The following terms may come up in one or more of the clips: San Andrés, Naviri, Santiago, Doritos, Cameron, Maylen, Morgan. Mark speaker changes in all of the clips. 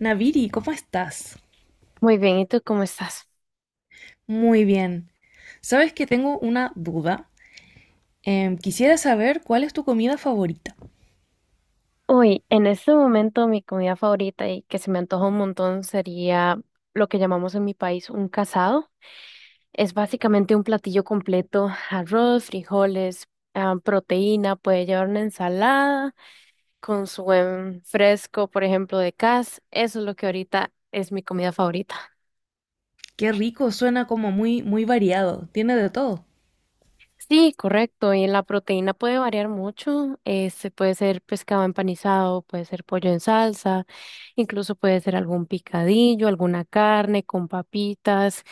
Speaker 1: Naviri, ¿cómo estás?
Speaker 2: Muy bien, ¿y tú cómo estás?
Speaker 1: Muy bien. Sabes que tengo una duda. Quisiera saber cuál es tu comida favorita.
Speaker 2: Hoy, en este momento, mi comida favorita y que se me antoja un montón sería lo que llamamos en mi país un casado. Es básicamente un platillo completo, arroz, frijoles, proteína, puede llevar una ensalada con su buen fresco, por ejemplo, de cas. Eso es lo que ahorita es mi comida favorita.
Speaker 1: Qué rico, suena como muy, muy variado. Tiene de todo.
Speaker 2: Sí, correcto. Y la proteína puede variar mucho. Este puede ser pescado empanizado, puede ser pollo en salsa, incluso puede ser algún picadillo, alguna carne con papitas.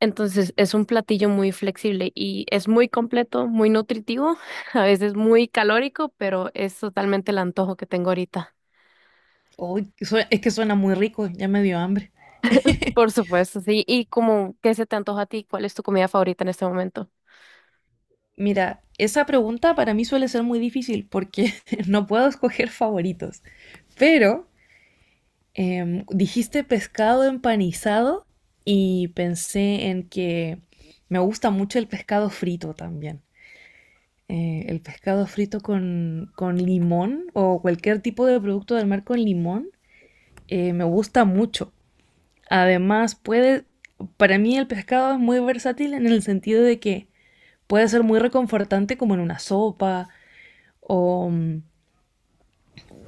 Speaker 2: Entonces es un platillo muy flexible y es muy completo, muy nutritivo, a veces muy calórico, pero es totalmente el antojo que tengo ahorita.
Speaker 1: Uy, es que suena muy rico, ya me dio hambre.
Speaker 2: Por supuesto, sí. ¿Y como qué se te antoja a ti? ¿Cuál es tu comida favorita en este momento?
Speaker 1: Mira, esa pregunta para mí suele ser muy difícil porque no puedo escoger favoritos. Pero dijiste pescado empanizado y pensé en que me gusta mucho el pescado frito también. El pescado frito con limón o cualquier tipo de producto del mar con limón, me gusta mucho. Además, para mí el pescado es muy versátil en el sentido de que puede ser muy reconfortante como en una sopa o,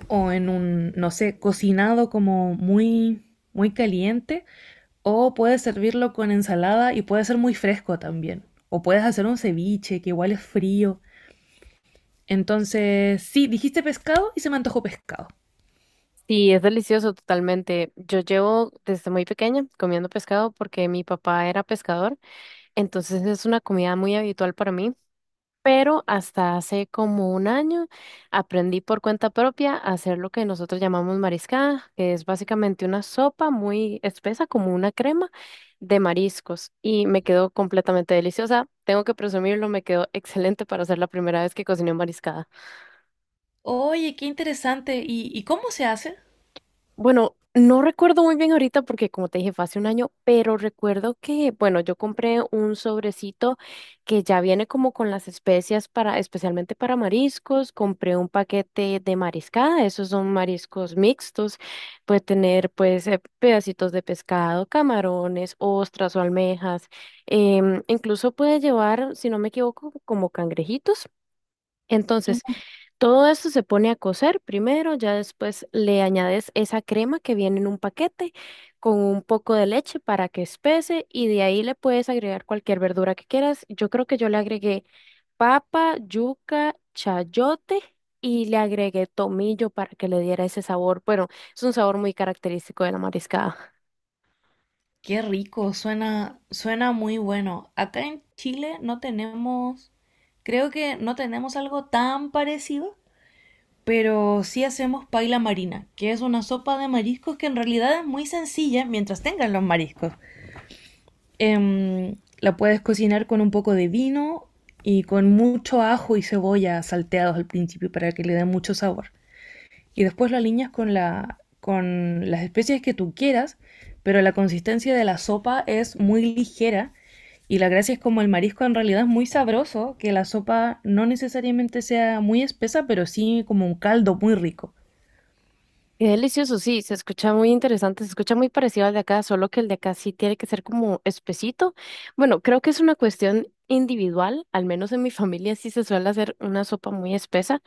Speaker 1: o en un, no sé, cocinado como muy, muy caliente, o puedes servirlo con ensalada y puede ser muy fresco también. O puedes hacer un ceviche que igual es frío. Entonces, sí, dijiste pescado y se me antojó pescado.
Speaker 2: Sí, es delicioso totalmente. Yo llevo desde muy pequeña comiendo pescado porque mi papá era pescador, entonces es una comida muy habitual para mí, pero hasta hace como un año aprendí por cuenta propia a hacer lo que nosotros llamamos mariscada, que es básicamente una sopa muy espesa, como una crema de mariscos, y me quedó completamente deliciosa. Tengo que presumirlo, me quedó excelente para ser la primera vez que cociné mariscada.
Speaker 1: Oye, qué interesante. ¿Y cómo se hace?
Speaker 2: Bueno, no recuerdo muy bien ahorita porque como te dije fue hace un año, pero recuerdo que, bueno, yo compré un sobrecito que ya viene como con las especias para, especialmente para mariscos, compré un paquete de mariscada, esos son mariscos mixtos, puede tener pues pedacitos de pescado, camarones, ostras o almejas, incluso puede llevar, si no me equivoco, como cangrejitos. Entonces,
Speaker 1: Ujú.
Speaker 2: todo eso se pone a cocer primero, ya después le añades esa crema que viene en un paquete con un poco de leche para que espese y de ahí le puedes agregar cualquier verdura que quieras. Yo creo que yo le agregué papa, yuca, chayote y le agregué tomillo para que le diera ese sabor. Bueno, es un sabor muy característico de la mariscada.
Speaker 1: Qué rico, suena, suena muy bueno. Acá en Chile no tenemos, creo que no tenemos algo tan parecido, pero sí hacemos paila marina, que es una sopa de mariscos que en realidad es muy sencilla mientras tengas los mariscos. La puedes cocinar con un poco de vino y con mucho ajo y cebolla salteados al principio para que le dé mucho sabor. Y después lo alineas con, la, con las especies que tú quieras, pero la consistencia de la sopa es muy ligera y la gracia es como el marisco en realidad es muy sabroso, que la sopa no necesariamente sea muy espesa, pero sí como un caldo muy rico.
Speaker 2: Qué delicioso, sí, se escucha muy interesante, se escucha muy parecido al de acá, solo que el de acá sí tiene que ser como espesito. Bueno, creo que es una cuestión individual, al menos en mi familia sí se suele hacer una sopa muy espesa.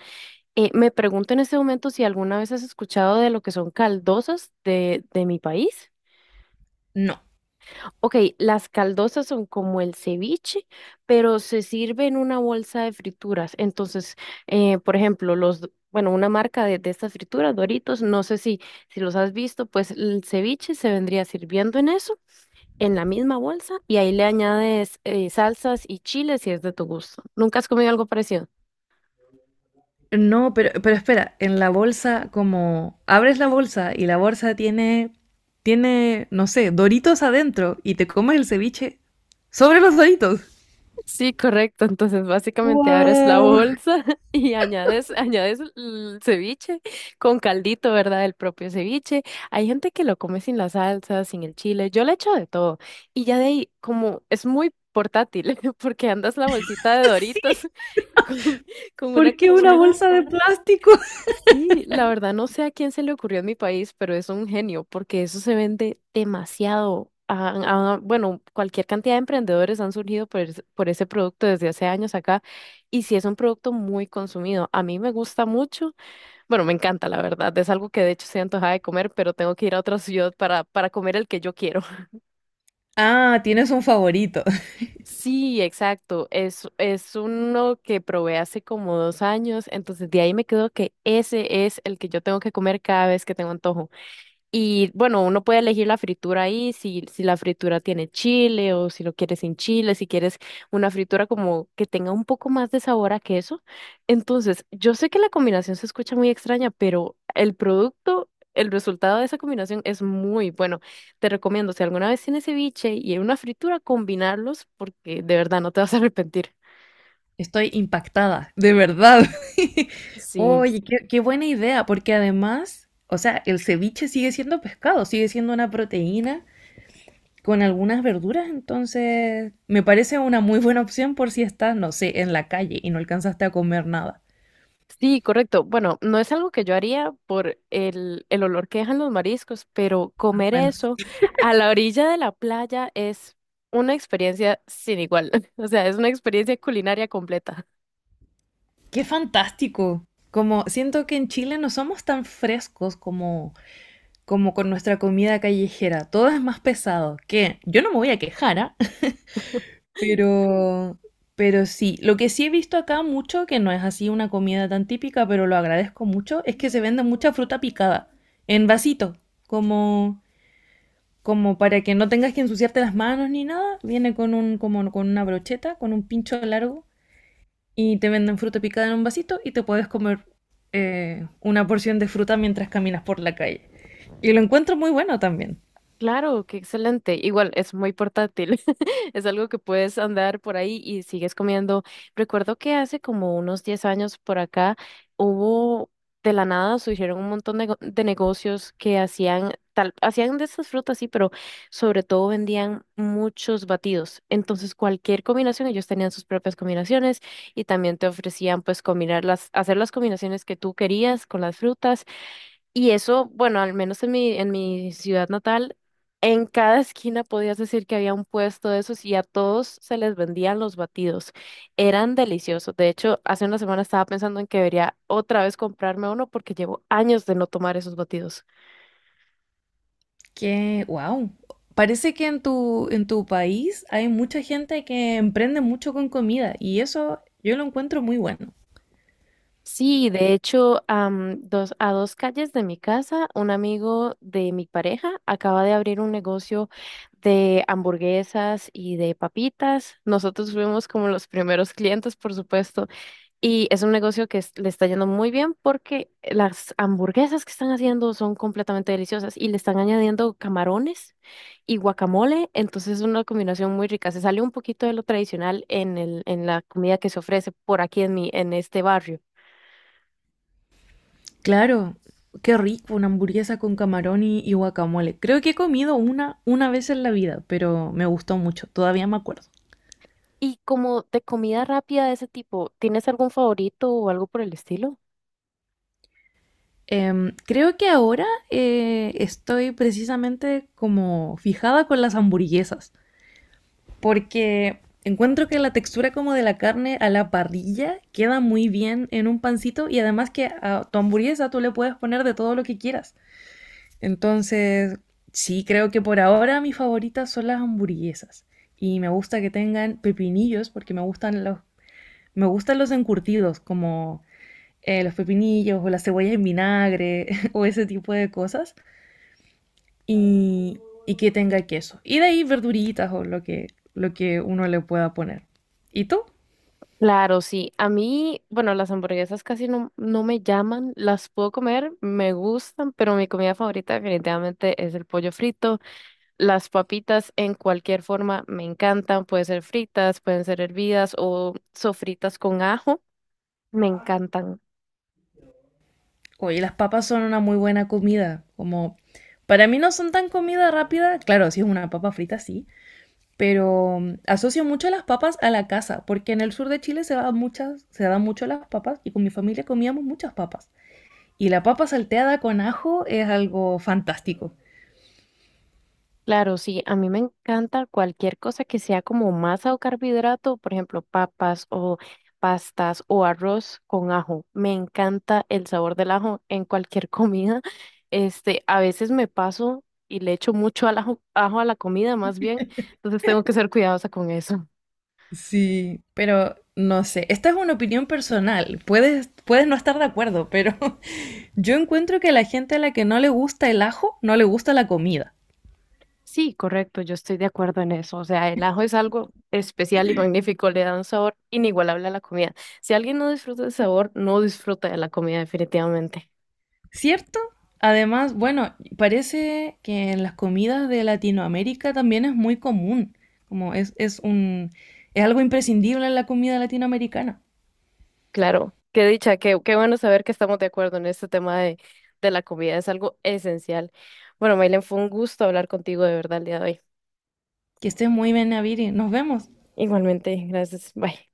Speaker 2: Me pregunto en este momento si alguna vez has escuchado de lo que son caldosas de mi país.
Speaker 1: No.
Speaker 2: Ok, las caldosas son como el ceviche, pero se sirve en una bolsa de frituras. Entonces, por ejemplo, bueno, una marca de estas frituras, Doritos, no sé si, si los has visto, pues el ceviche se vendría sirviendo en eso, en la misma bolsa, y ahí le añades salsas y chiles si es de tu gusto. ¿Nunca has comido algo parecido?
Speaker 1: No, pero espera, en la bolsa, como abres la bolsa y la bolsa tiene, no sé, doritos adentro y te comes el ceviche sobre los doritos.
Speaker 2: Sí, correcto. Entonces, básicamente abres la
Speaker 1: Wow.
Speaker 2: bolsa y añades el ceviche con caldito, ¿verdad? El propio ceviche. Hay gente que lo come sin la salsa, sin el chile. Yo le echo de todo. Y ya de ahí, como es muy portátil, porque andas la bolsita de
Speaker 1: Sí,
Speaker 2: Doritos con, con, una
Speaker 1: ¿por qué una
Speaker 2: cuchara.
Speaker 1: bolsa de plástico?
Speaker 2: Sí, la verdad no sé a quién se le ocurrió en mi país, pero es un genio, porque eso se vende demasiado. Ah, bueno, cualquier cantidad de emprendedores han surgido por ese producto desde hace años acá, y sí es un producto muy consumido. A mí me gusta mucho, bueno, me encanta, la verdad. Es algo que de hecho se antojaba de comer, pero tengo que ir a otra ciudad para, comer el que yo quiero.
Speaker 1: Ah, tienes un favorito.
Speaker 2: Sí, exacto. es uno que probé hace como 2 años, entonces de ahí me quedo que ese es el que yo tengo que comer cada vez que tengo antojo. Y bueno, uno puede elegir la fritura ahí, si la fritura tiene chile o si lo quieres sin chile, si quieres una fritura como que tenga un poco más de sabor a queso. Entonces, yo sé que la combinación se escucha muy extraña, pero el producto, el resultado de esa combinación es muy bueno. Te recomiendo, si alguna vez tienes ceviche y una fritura, combinarlos porque de verdad no te vas a arrepentir.
Speaker 1: Estoy impactada, de verdad.
Speaker 2: Sí.
Speaker 1: Oye, qué buena idea, porque además, o sea, el ceviche sigue siendo pescado, sigue siendo una proteína con algunas verduras, entonces me parece una muy buena opción por si estás, no sé, en la calle y no alcanzaste a comer nada.
Speaker 2: Sí, correcto. Bueno, no es algo que yo haría por el olor que dejan los mariscos, pero
Speaker 1: Ah,
Speaker 2: comer
Speaker 1: bueno,
Speaker 2: eso a la orilla de la playa es una experiencia sin igual. O sea, es una experiencia culinaria completa.
Speaker 1: qué fantástico. Como siento que en Chile no somos tan frescos como como con nuestra comida callejera, todo es más pesado, que yo no me voy a quejar, ¿ah? Pero, pero sí, lo que sí he visto acá mucho, que no es así una comida tan típica, pero lo agradezco mucho, es que se vende mucha fruta picada en vasito, como, como para que no tengas que ensuciarte las manos ni nada. Viene con un, como con una brocheta, con un pincho largo, y te venden fruta picada en un vasito y te puedes comer una porción de fruta mientras caminas por la calle. Y lo encuentro muy bueno también.
Speaker 2: Claro, qué excelente. Igual es muy portátil. Es algo que puedes andar por ahí y sigues comiendo. Recuerdo que hace como unos 10 años por acá hubo de la nada surgieron un montón de, de negocios que hacían tal, hacían de estas frutas, sí, pero sobre todo vendían muchos batidos. Entonces, cualquier combinación, ellos tenían sus propias combinaciones y también te ofrecían pues combinar las, hacer las combinaciones que tú querías con las frutas y eso, bueno, al menos en mi ciudad natal, en cada esquina podías decir que había un puesto de esos y a todos se les vendían los batidos. Eran deliciosos. De hecho, hace una semana estaba pensando en que debería otra vez comprarme uno porque llevo años de no tomar esos batidos.
Speaker 1: Que wow. Parece que en tu país hay mucha gente que emprende mucho con comida y eso yo lo encuentro muy bueno.
Speaker 2: Sí, de hecho, a dos calles de mi casa, un amigo de mi pareja acaba de abrir un negocio de hamburguesas y de papitas. Nosotros fuimos como los primeros clientes, por supuesto. Y es un negocio que le está yendo muy bien porque las hamburguesas que están haciendo son completamente deliciosas y le están añadiendo camarones y guacamole, entonces es una combinación muy rica. Se sale un poquito de lo tradicional en el, en la comida que se ofrece por aquí en mi, en este barrio.
Speaker 1: Claro, qué rico una hamburguesa con camarón y guacamole. Creo que he comido una vez en la vida, pero me gustó mucho, todavía me acuerdo.
Speaker 2: Y como de comida rápida de ese tipo, ¿tienes algún favorito o algo por el estilo?
Speaker 1: Creo que ahora estoy precisamente como fijada con las hamburguesas. Porque encuentro que la textura como de la carne a la parrilla queda muy bien en un pancito y además que a tu hamburguesa tú le puedes poner de todo lo que quieras. Entonces, sí, creo que por ahora mis favoritas son las hamburguesas y me gusta que tengan pepinillos porque me gustan los encurtidos como los pepinillos o las cebollas en vinagre o ese tipo de cosas y, y que tenga queso. Y de ahí verduritas lo que uno le pueda poner. ¿Y tú?
Speaker 2: Claro, sí. A mí, bueno, las hamburguesas casi no me llaman. Las puedo comer, me gustan, pero mi comida favorita definitivamente es el pollo frito. Las papitas en cualquier forma me encantan, pueden ser fritas, pueden ser hervidas o sofritas con ajo, me encantan.
Speaker 1: Oye, las papas son una muy buena comida. Como para mí no son tan comida rápida. Claro, si es una papa frita, sí. Pero asocio mucho las papas a la casa, porque en el sur de Chile dan muchas, se dan mucho las papas y con mi familia comíamos muchas papas. Y la papa salteada con ajo es algo fantástico.
Speaker 2: Claro, sí, a mí me encanta cualquier cosa que sea como masa o carbohidrato, por ejemplo, papas o pastas o arroz con ajo. Me encanta el sabor del ajo en cualquier comida. A veces me paso y le echo mucho al ajo, ajo a la comida, más bien, entonces tengo que ser cuidadosa con eso.
Speaker 1: Sí, pero no sé, esta es una opinión personal. Puedes, puedes no estar de acuerdo, pero yo encuentro que a la gente a la que no le gusta el ajo, no le gusta la comida,
Speaker 2: Sí, correcto, yo estoy de acuerdo en eso. O sea, el ajo es algo especial y magnífico, le da un sabor inigualable a la comida. Si alguien no disfruta del sabor, no disfruta de la comida definitivamente.
Speaker 1: ¿cierto? Además, bueno, parece que en las comidas de Latinoamérica también es muy común, es un, es algo imprescindible en la comida latinoamericana.
Speaker 2: Claro, qué dicha, qué bueno saber que estamos de acuerdo en este tema de la comida, es algo esencial. Bueno, Maylen, fue un gusto hablar contigo de verdad el día de hoy.
Speaker 1: Que estés muy bien, Naviri. Nos vemos.
Speaker 2: Igualmente, gracias. Bye.